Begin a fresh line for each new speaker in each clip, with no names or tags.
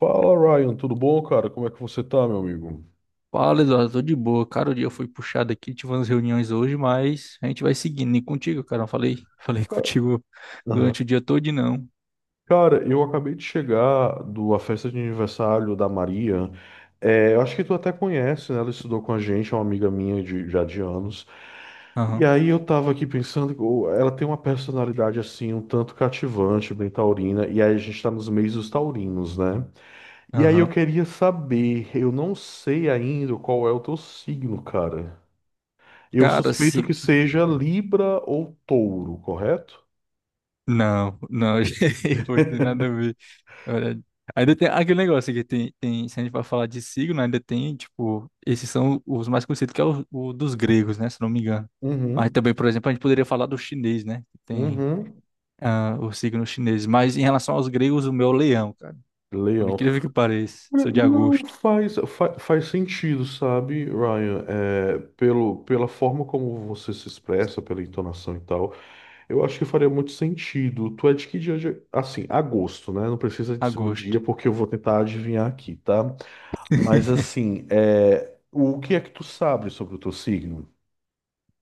Fala, Ryan, tudo bom, cara? Como é que você tá, meu amigo?
Fala, Eduardo, tô de boa. Cara, o dia foi puxado aqui, tive umas reuniões hoje, mas a gente vai seguindo. E contigo, cara, eu falei, falei
Ca-
contigo
Aham.
durante o dia todo, não.
Cara, eu acabei de chegar da festa de aniversário da Maria. É, eu acho que tu até conhece, né? Ela estudou com a gente, é uma amiga minha já de anos. E
Aham,
aí eu tava aqui pensando, ô, ela tem uma personalidade assim, um tanto cativante, bem taurina, e aí a gente tá nos meios dos taurinos, né? E aí eu
aham.
queria saber, eu não sei ainda qual é o teu signo, cara. Eu
Cara,
suspeito
se...
que seja Libra ou Touro, correto?
Não, não, gente, não tem nada a ver. Olha, ainda tem aquele negócio que tem, se a gente vai falar de signo, ainda tem, tipo, esses são os mais conhecidos, que é o dos gregos, né, se não me engano. Mas
Uhum,
também, por exemplo, a gente poderia falar do chinês, né, que tem
uhum.
o signo chinês. Mas em relação aos gregos, o meu é o leão, cara. Por
Leão.
incrível que pareça,
Olha,
sou de
não
agosto.
faz sentido, sabe, Ryan? É, pelo, pela forma como você se expressa, pela entonação e tal, eu acho que faria muito sentido. Tu é de que dia? Assim, agosto, né? Não precisa de ser o
Agosto.
dia, porque eu vou tentar adivinhar aqui, tá? Mas assim, é, o que é que tu sabe sobre o teu signo?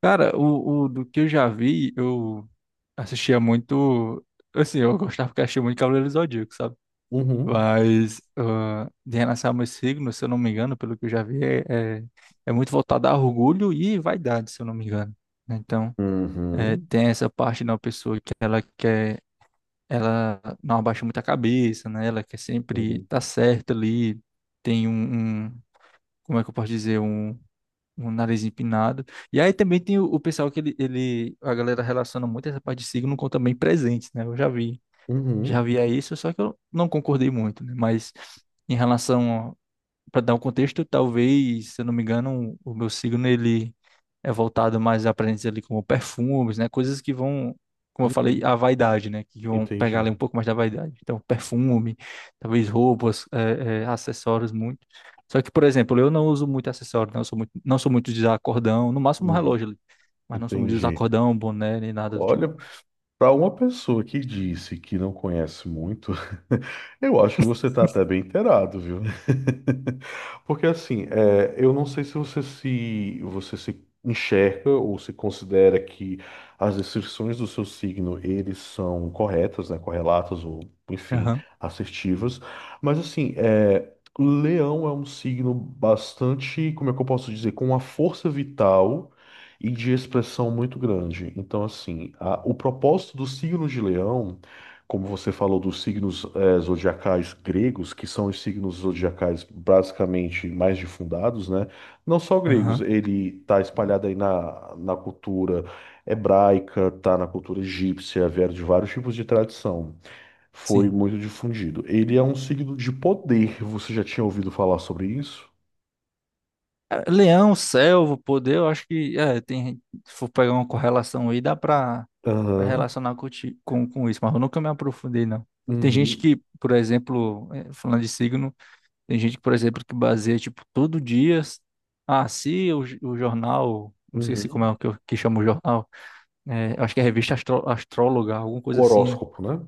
Cara, o do que eu já vi, eu assistia muito. Assim, eu gostava porque achei muito Cavaleiro do Zodíaco, sabe?
Uhum.
Mas de relação a meus signos, se eu não me engano, pelo que eu já vi, é muito voltado a orgulho e vaidade, se eu não me engano. Né? Então,
Uhum.
tem essa parte da pessoa que ela quer, ela não abaixa muito a cabeça, né? Ela quer sempre
Uhum.
estar certa ali, tem como é que eu posso dizer? Um nariz empinado. E aí também tem o pessoal que ele, a galera relaciona muito essa parte de signo com também presentes, né? Eu já vi, já
Uhum.
via isso, só que eu não concordei muito, né? Mas em relação para dar um contexto, talvez, se eu não me engano, o meu signo ele é voltado mais a presentes ali como perfumes, né? Coisas que vão, como eu falei,
Uhum.
a vaidade, né? Que vão pegar
Entendi.
ali um pouco mais da vaidade. Então, perfume, talvez roupas, acessórios muito. Só que, por exemplo, eu não uso muito acessório, não sou muito de usar cordão, no máximo um
Uhum.
relógio ali, mas não sou muito de usar
Entendi.
cordão, boné, nem nada do tipo.
Olha, para uma pessoa que disse que não conhece muito, eu acho que você está até bem inteirado, viu? Porque assim, é, eu não sei se você se enxerga ou se considera que as descrições do seu signo eles são corretas, né? Correlatas ou enfim,
Aham,
assertivas. Mas assim, é, Leão é um signo bastante, como é que eu posso dizer, com uma força vital e de expressão muito grande. Então, assim, o propósito do signo de Leão, como você falou dos signos zodiacais gregos, que são os signos zodiacais basicamente mais difundados, né? Não só gregos,
aham,
ele está espalhado aí na cultura hebraica, tá na cultura egípcia, vieram de vários tipos de tradição. Foi
sim.
muito difundido. Ele é um signo de poder. Você já tinha ouvido falar sobre isso?
É, Leão, Selvo, Poder, eu acho que é, tem, se for pegar uma correlação aí, dá pra, pra
Aham.
relacionar com, com isso, mas eu nunca me aprofundei, não. Tem gente
Uhum.
que, por exemplo, falando de signo, tem gente, por exemplo, que baseia, tipo, todo dia, ah, se o, o jornal, não sei se como é
Uhum.
o que, que chama o jornal, é, eu acho que é a revista Astróloga, alguma coisa
O
assim, né?
horóscopo, né?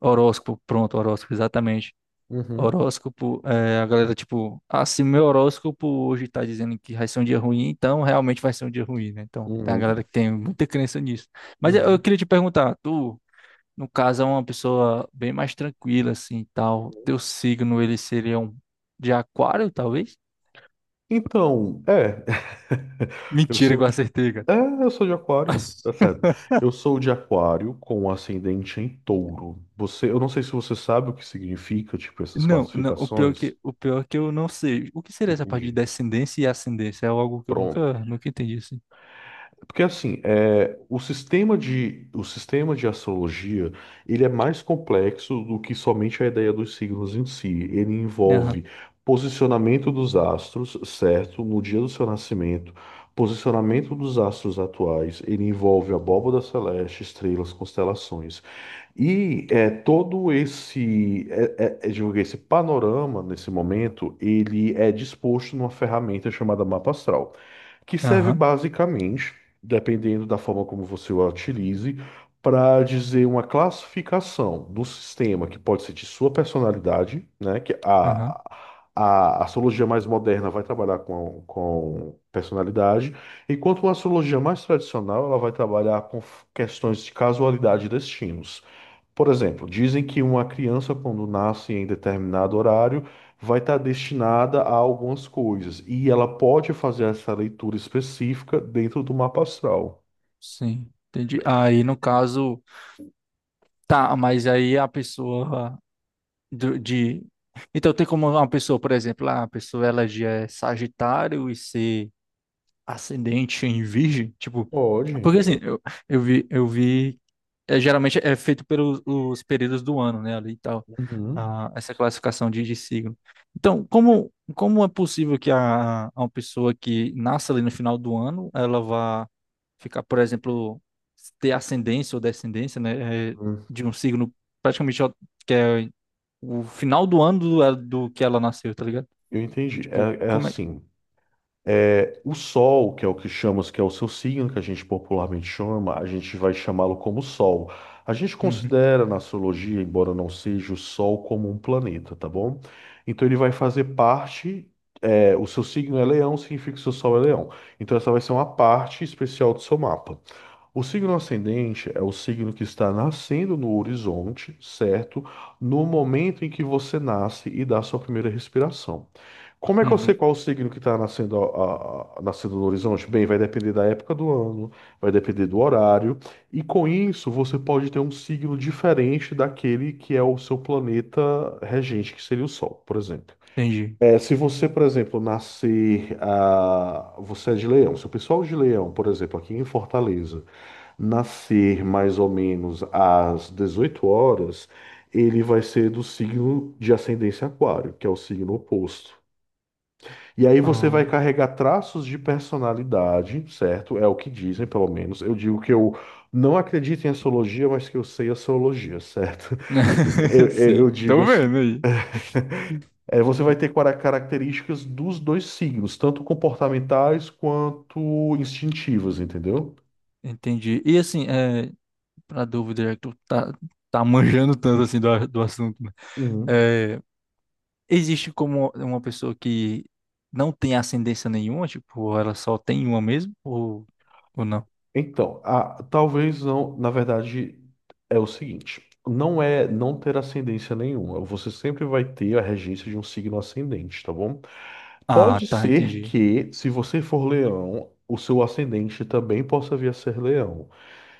Horóscopo, pronto, horóscopo, exatamente.
Uhum,
Horóscopo, é, a galera, tipo, ah, se meu horóscopo hoje tá dizendo que vai ser um dia ruim, então realmente vai ser um dia ruim, né? Então, tem a
uhum,
galera que tem muita crença nisso. Mas eu
uhum.
queria te perguntar, tu, no caso, é uma pessoa bem mais tranquila, assim, e tal, teu signo, ele seria um de aquário, talvez?
Então, é, eu
Mentira que eu
sou,
acertei, cara.
é, eu sou de aquário, tá certo. Eu sou de aquário com ascendente em touro. Você, eu não sei se você sabe o que significa, tipo, essas
Não, não, o pior
classificações.
que, o pior é que eu não sei. O que seria essa parte de
Entendi.
descendência e ascendência? É algo que eu nunca entendi, assim.
Porque assim, é, o sistema de astrologia, ele é mais complexo do que somente a ideia dos signos em si. Ele
Aham,
envolve posicionamento dos astros, certo, no dia do seu nascimento, posicionamento dos astros atuais, ele envolve a abóbada celeste, estrelas, constelações. E é, todo esse, é, é, é, digo, esse panorama, nesse momento, ele é disposto numa ferramenta chamada mapa astral que serve
aham,
basicamente, dependendo da forma como você o utilize, para dizer uma classificação do sistema que pode ser de sua personalidade, né? Que
aham.
a astrologia mais moderna vai trabalhar com personalidade, enquanto uma astrologia mais tradicional ela vai trabalhar com questões de casualidade e destinos. Por exemplo, dizem que uma criança, quando nasce em determinado horário, vai estar destinada a algumas coisas. E ela pode fazer essa leitura específica dentro do mapa astral.
Sim, entendi. Aí, no caso, tá, mas aí a pessoa do- de. Então, tem como uma pessoa, por exemplo, ah, a pessoa ela já é Sagitário e ser ascendente em Virgem? Tipo,
Pode.
porque assim, eu vi é, geralmente é feito pelos os períodos do ano, né, ali e tal,
Uhum.
essa classificação de signo. Então, como, como é possível que a uma pessoa que nasce ali no final do ano, ela vá ficar, por exemplo, ter ascendência ou descendência, né, é,
Hum.
de um signo praticamente ó, que é o final do ano do, é, do que ela nasceu, tá ligado?
Eu entendi.
Tipo,
É
como é?
assim. É, o Sol, que é o que chamamos, que é o seu signo, que a gente popularmente chama, a gente vai chamá-lo como Sol. A gente
Uhum,
considera na astrologia, embora não seja o Sol, como um planeta, tá bom? Então ele vai fazer parte, é, o seu signo é Leão, significa que o seu Sol é Leão. Então essa vai ser uma parte especial do seu mapa. O signo ascendente é o signo que está nascendo no horizonte, certo? No momento em que você nasce e dá sua primeira respiração. Como é que eu sei
uhum,
qual o signo que está nascendo, nascendo no horizonte? Bem, vai depender da época do ano, vai depender do horário, e com isso você pode ter um signo diferente daquele que é o seu planeta regente, que seria o Sol, por exemplo.
entendi.
É, se você, por exemplo, nascer, ah, você é de Leão, se o pessoal de Leão, por exemplo, aqui em Fortaleza, nascer mais ou menos às 18 horas, ele vai ser do signo de ascendência aquário, que é o signo oposto. E aí você vai
Ah.
carregar traços de personalidade, certo? É o que dizem, pelo menos. Eu digo que eu não acredito em astrologia, mas que eu sei astrologia, certo? Eu, eu-
Sim,
eu digo
tô
assim.
vendo aí.
É, você vai ter características dos dois signos, tanto comportamentais quanto instintivas, entendeu?
Entendi. E assim, é, pra dúvida, já que tá manjando tanto assim do, do assunto, né?
Uhum.
É, existe como uma pessoa que não tem ascendência nenhuma, tipo, ela só tem uma mesmo, ou não?
Então, talvez não, na verdade, é o seguinte, não é não ter ascendência nenhuma, você sempre vai ter a regência de um signo ascendente, tá bom?
Ah,
Pode
tá,
ser
entendi.
que, se você for leão, o seu ascendente também possa vir a ser leão.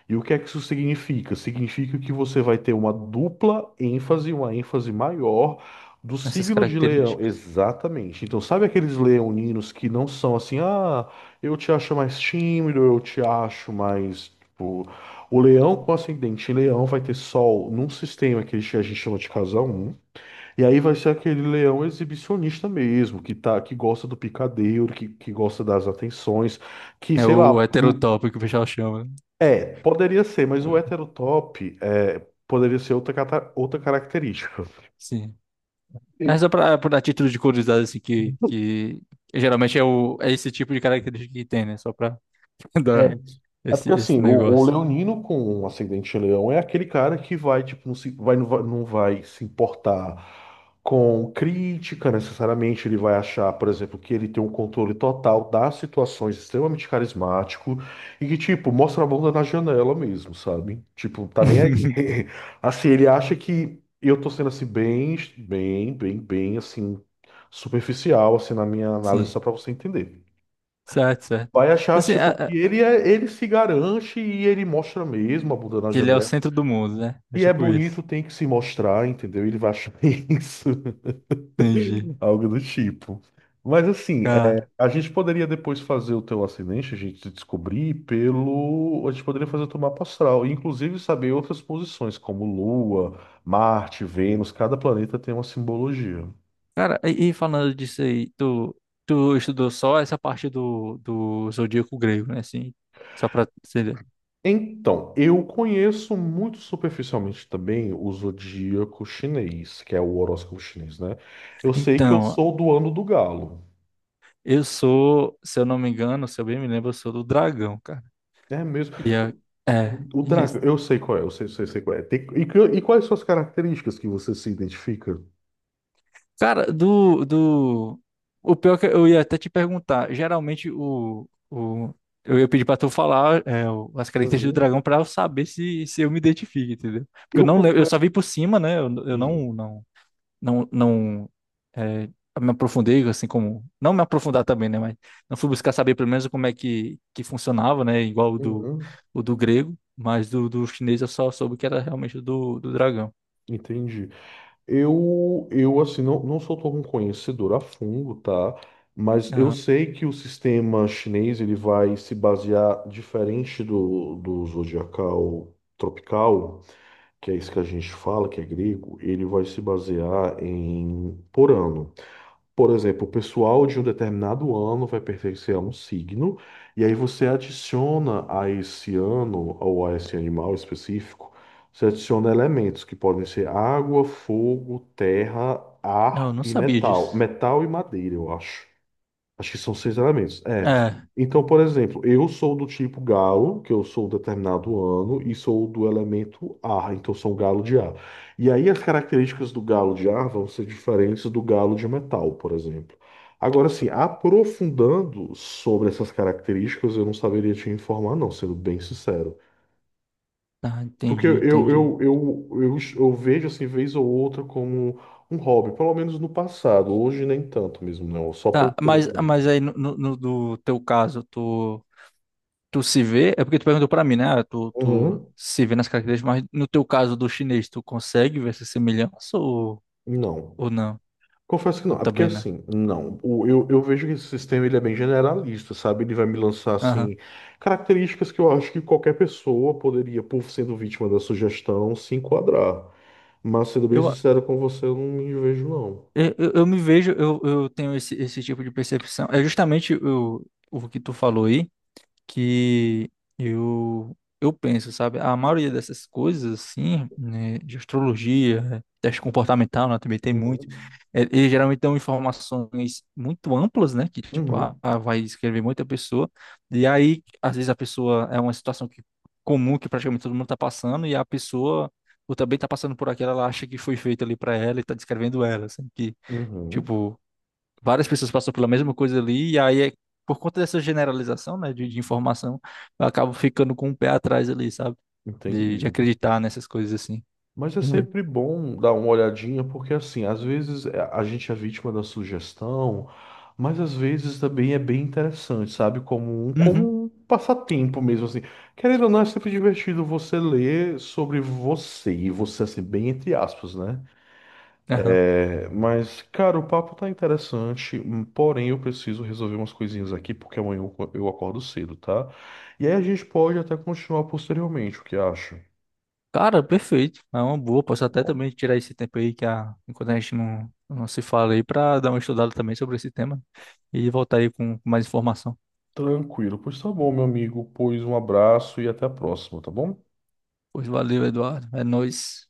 E o que é que isso significa? Significa que você vai ter uma dupla ênfase, uma ênfase maior do
Nessas
signo de leão.
características.
Exatamente. Então, sabe aqueles leoninos que não são assim, ah, eu te acho mais tímido, eu te acho mais. Tipo... O leão com ascendente em leão vai ter sol num sistema que a gente chama de casa um. E aí vai ser aquele leão exibicionista mesmo, que tá, que gosta do picadeiro, que gosta das atenções, que,
É
sei lá,
o heterotópico que o pessoal chama, né?
é, poderia ser, mas o heterotop é, poderia ser outra, outra característica.
Sim. Mas só pra, pra título de curiosidade, assim, que geralmente é, é esse tipo de característica que tem, né? Só pra,
É,
dar
é porque
esse
assim, o
negócio.
leonino com um ascendente em leão é aquele cara que vai, tipo, não se, vai, não vai, não vai se importar com crítica necessariamente. Ele vai achar, por exemplo, que ele tem um controle total das situações, extremamente carismático e que, tipo, mostra a bunda na janela mesmo, sabe? Tipo, tá nem aí. Assim, ele acha que eu tô sendo assim, bem, assim, superficial, assim, na minha análise, só
Sim,
pra você entender.
certo, certo.
Vai achar,
Assim,
tipo, que ele é, ele se garante e ele mostra mesmo a bunda na
Que ele é o
janela.
centro do mundo, né? É
E é
tipo isso.
bonito, tem que se mostrar, entendeu? Ele vai achar isso,
Entendi.
algo do tipo. Mas assim, é,
Cara,
a gente poderia depois fazer o teu acidente, a gente descobrir pelo. A gente poderia fazer o teu mapa astral, e, inclusive saber outras posições, como Lua, Marte, Vênus, cada planeta tem uma simbologia.
cara, e falando disso aí, tu, tu estudou só essa parte do, do zodíaco grego, né? Assim, só pra ser.
Então, eu conheço muito superficialmente também o zodíaco chinês, que é o horóscopo chinês, né? Eu sei que eu
Então,
sou do ano do galo.
eu sou, se eu não me engano, se eu bem me lembro, eu sou do dragão, cara.
É mesmo.
E é,
O
e
dragão, eu sei qual é, eu sei qual é. E quais são as características que você se identifica?
Cara, do, do... O pior que eu ia até te perguntar, geralmente o... eu ia pedir pra tu falar é, as características do
Uhum.
dragão pra eu saber se, se eu me identifico, entendeu? Porque eu
Eu
não lembro, eu
confesso.
só vi por cima, né? Eu
que-
não, não, não, não é, me aprofundei, assim como... Não me aprofundar também, né? Mas não fui buscar saber pelo menos como é que funcionava, né? Igual
Uhum.
o do grego, mas do, do chinês eu só soube que era realmente o do, do dragão.
Entendi. Eu assim, não, não sou tão conhecedor a fundo, tá? Mas eu
Aham.
sei que o sistema chinês ele vai se basear diferente do zodiacal tropical, que é isso que a gente fala, que é grego, ele vai se basear em por ano. Por exemplo, o pessoal de um determinado ano vai pertencer a um signo, e aí você adiciona a esse ano ou a esse animal específico, você adiciona elementos que podem ser água, fogo, terra,
Não, eu
ar
não
e
sabia
metal.
disso.
Metal e madeira, eu acho. Acho que são seis elementos. É.
É.
Então, por exemplo, eu sou do tipo galo, que eu sou determinado ano, e sou do elemento ar, então sou um galo de ar. E aí as características do galo de ar vão ser diferentes do galo de metal, por exemplo. Agora, assim, aprofundando sobre essas características, eu não saberia te informar, não, sendo bem sincero.
Ah,
Porque
entendi, entendi.
eu, eu vejo, assim, vez ou outra como um hobby, pelo menos no passado. Hoje nem tanto mesmo, não. Só por
Tá,
curiosidade
mas
mesmo.
aí no, no, no do teu caso, tu, tu se vê, é porque tu perguntou pra mim, né? Ah, Tu, tu
Uhum.
se vê nas características, mas no teu caso do chinês, tu consegue ver essa semelhança
Não.
ou não?
Confesso que não. É porque
Também não.
assim, não. Eu vejo que esse sistema ele é bem generalista, sabe? Ele vai me lançar
Aham.
assim características que eu acho que qualquer pessoa poderia, por sendo vítima da sugestão, se enquadrar. Mas sendo bem
Eu,
sincero com você, eu não me vejo não.
eu me vejo, eu tenho esse, esse tipo de percepção. É justamente o que tu falou aí. Que eu penso, sabe? A maioria dessas coisas, assim, né, de astrologia, né, teste comportamental, né, também tem muito.
Uhum.
É, Eles geralmente dão informações muito amplas, né? Que, tipo,
Uhum.
vai escrever muita pessoa. E aí, às vezes, a pessoa é uma situação que, comum que praticamente todo mundo tá passando, e a pessoa ou também tá passando por aquela, ela acha que foi feito ali para ela e tá descrevendo ela, assim, que,
Uhum.
tipo várias pessoas passam pela mesma coisa ali, e aí é por conta dessa generalização, né, de informação, eu acabo ficando com o pé atrás ali, sabe?
Entendi.
De acreditar nessas coisas assim,
Mas é
entendeu?
sempre bom dar uma olhadinha, porque assim, às vezes é, a gente é vítima da sugestão, mas às vezes também é bem interessante, sabe?
Uhum,
Como um passatempo mesmo, assim. Querendo ou não, é sempre divertido você ler sobre você, e você, assim, bem entre aspas, né?
aham.
É, mas, cara, o papo tá interessante, porém eu preciso resolver umas coisinhas aqui, porque amanhã eu, eu acordo cedo, tá? E aí a gente pode até continuar posteriormente, o que acha?
Cara, perfeito. É uma boa. Posso
Tá
até
bom?
também tirar esse tempo aí que a, enquanto a gente não se fala aí pra dar uma estudada também sobre esse tema e voltar aí com mais informação.
Tranquilo. Pois tá bom, meu amigo. Pois um abraço e até a próxima, tá bom?
Pois valeu, Eduardo. É nóis.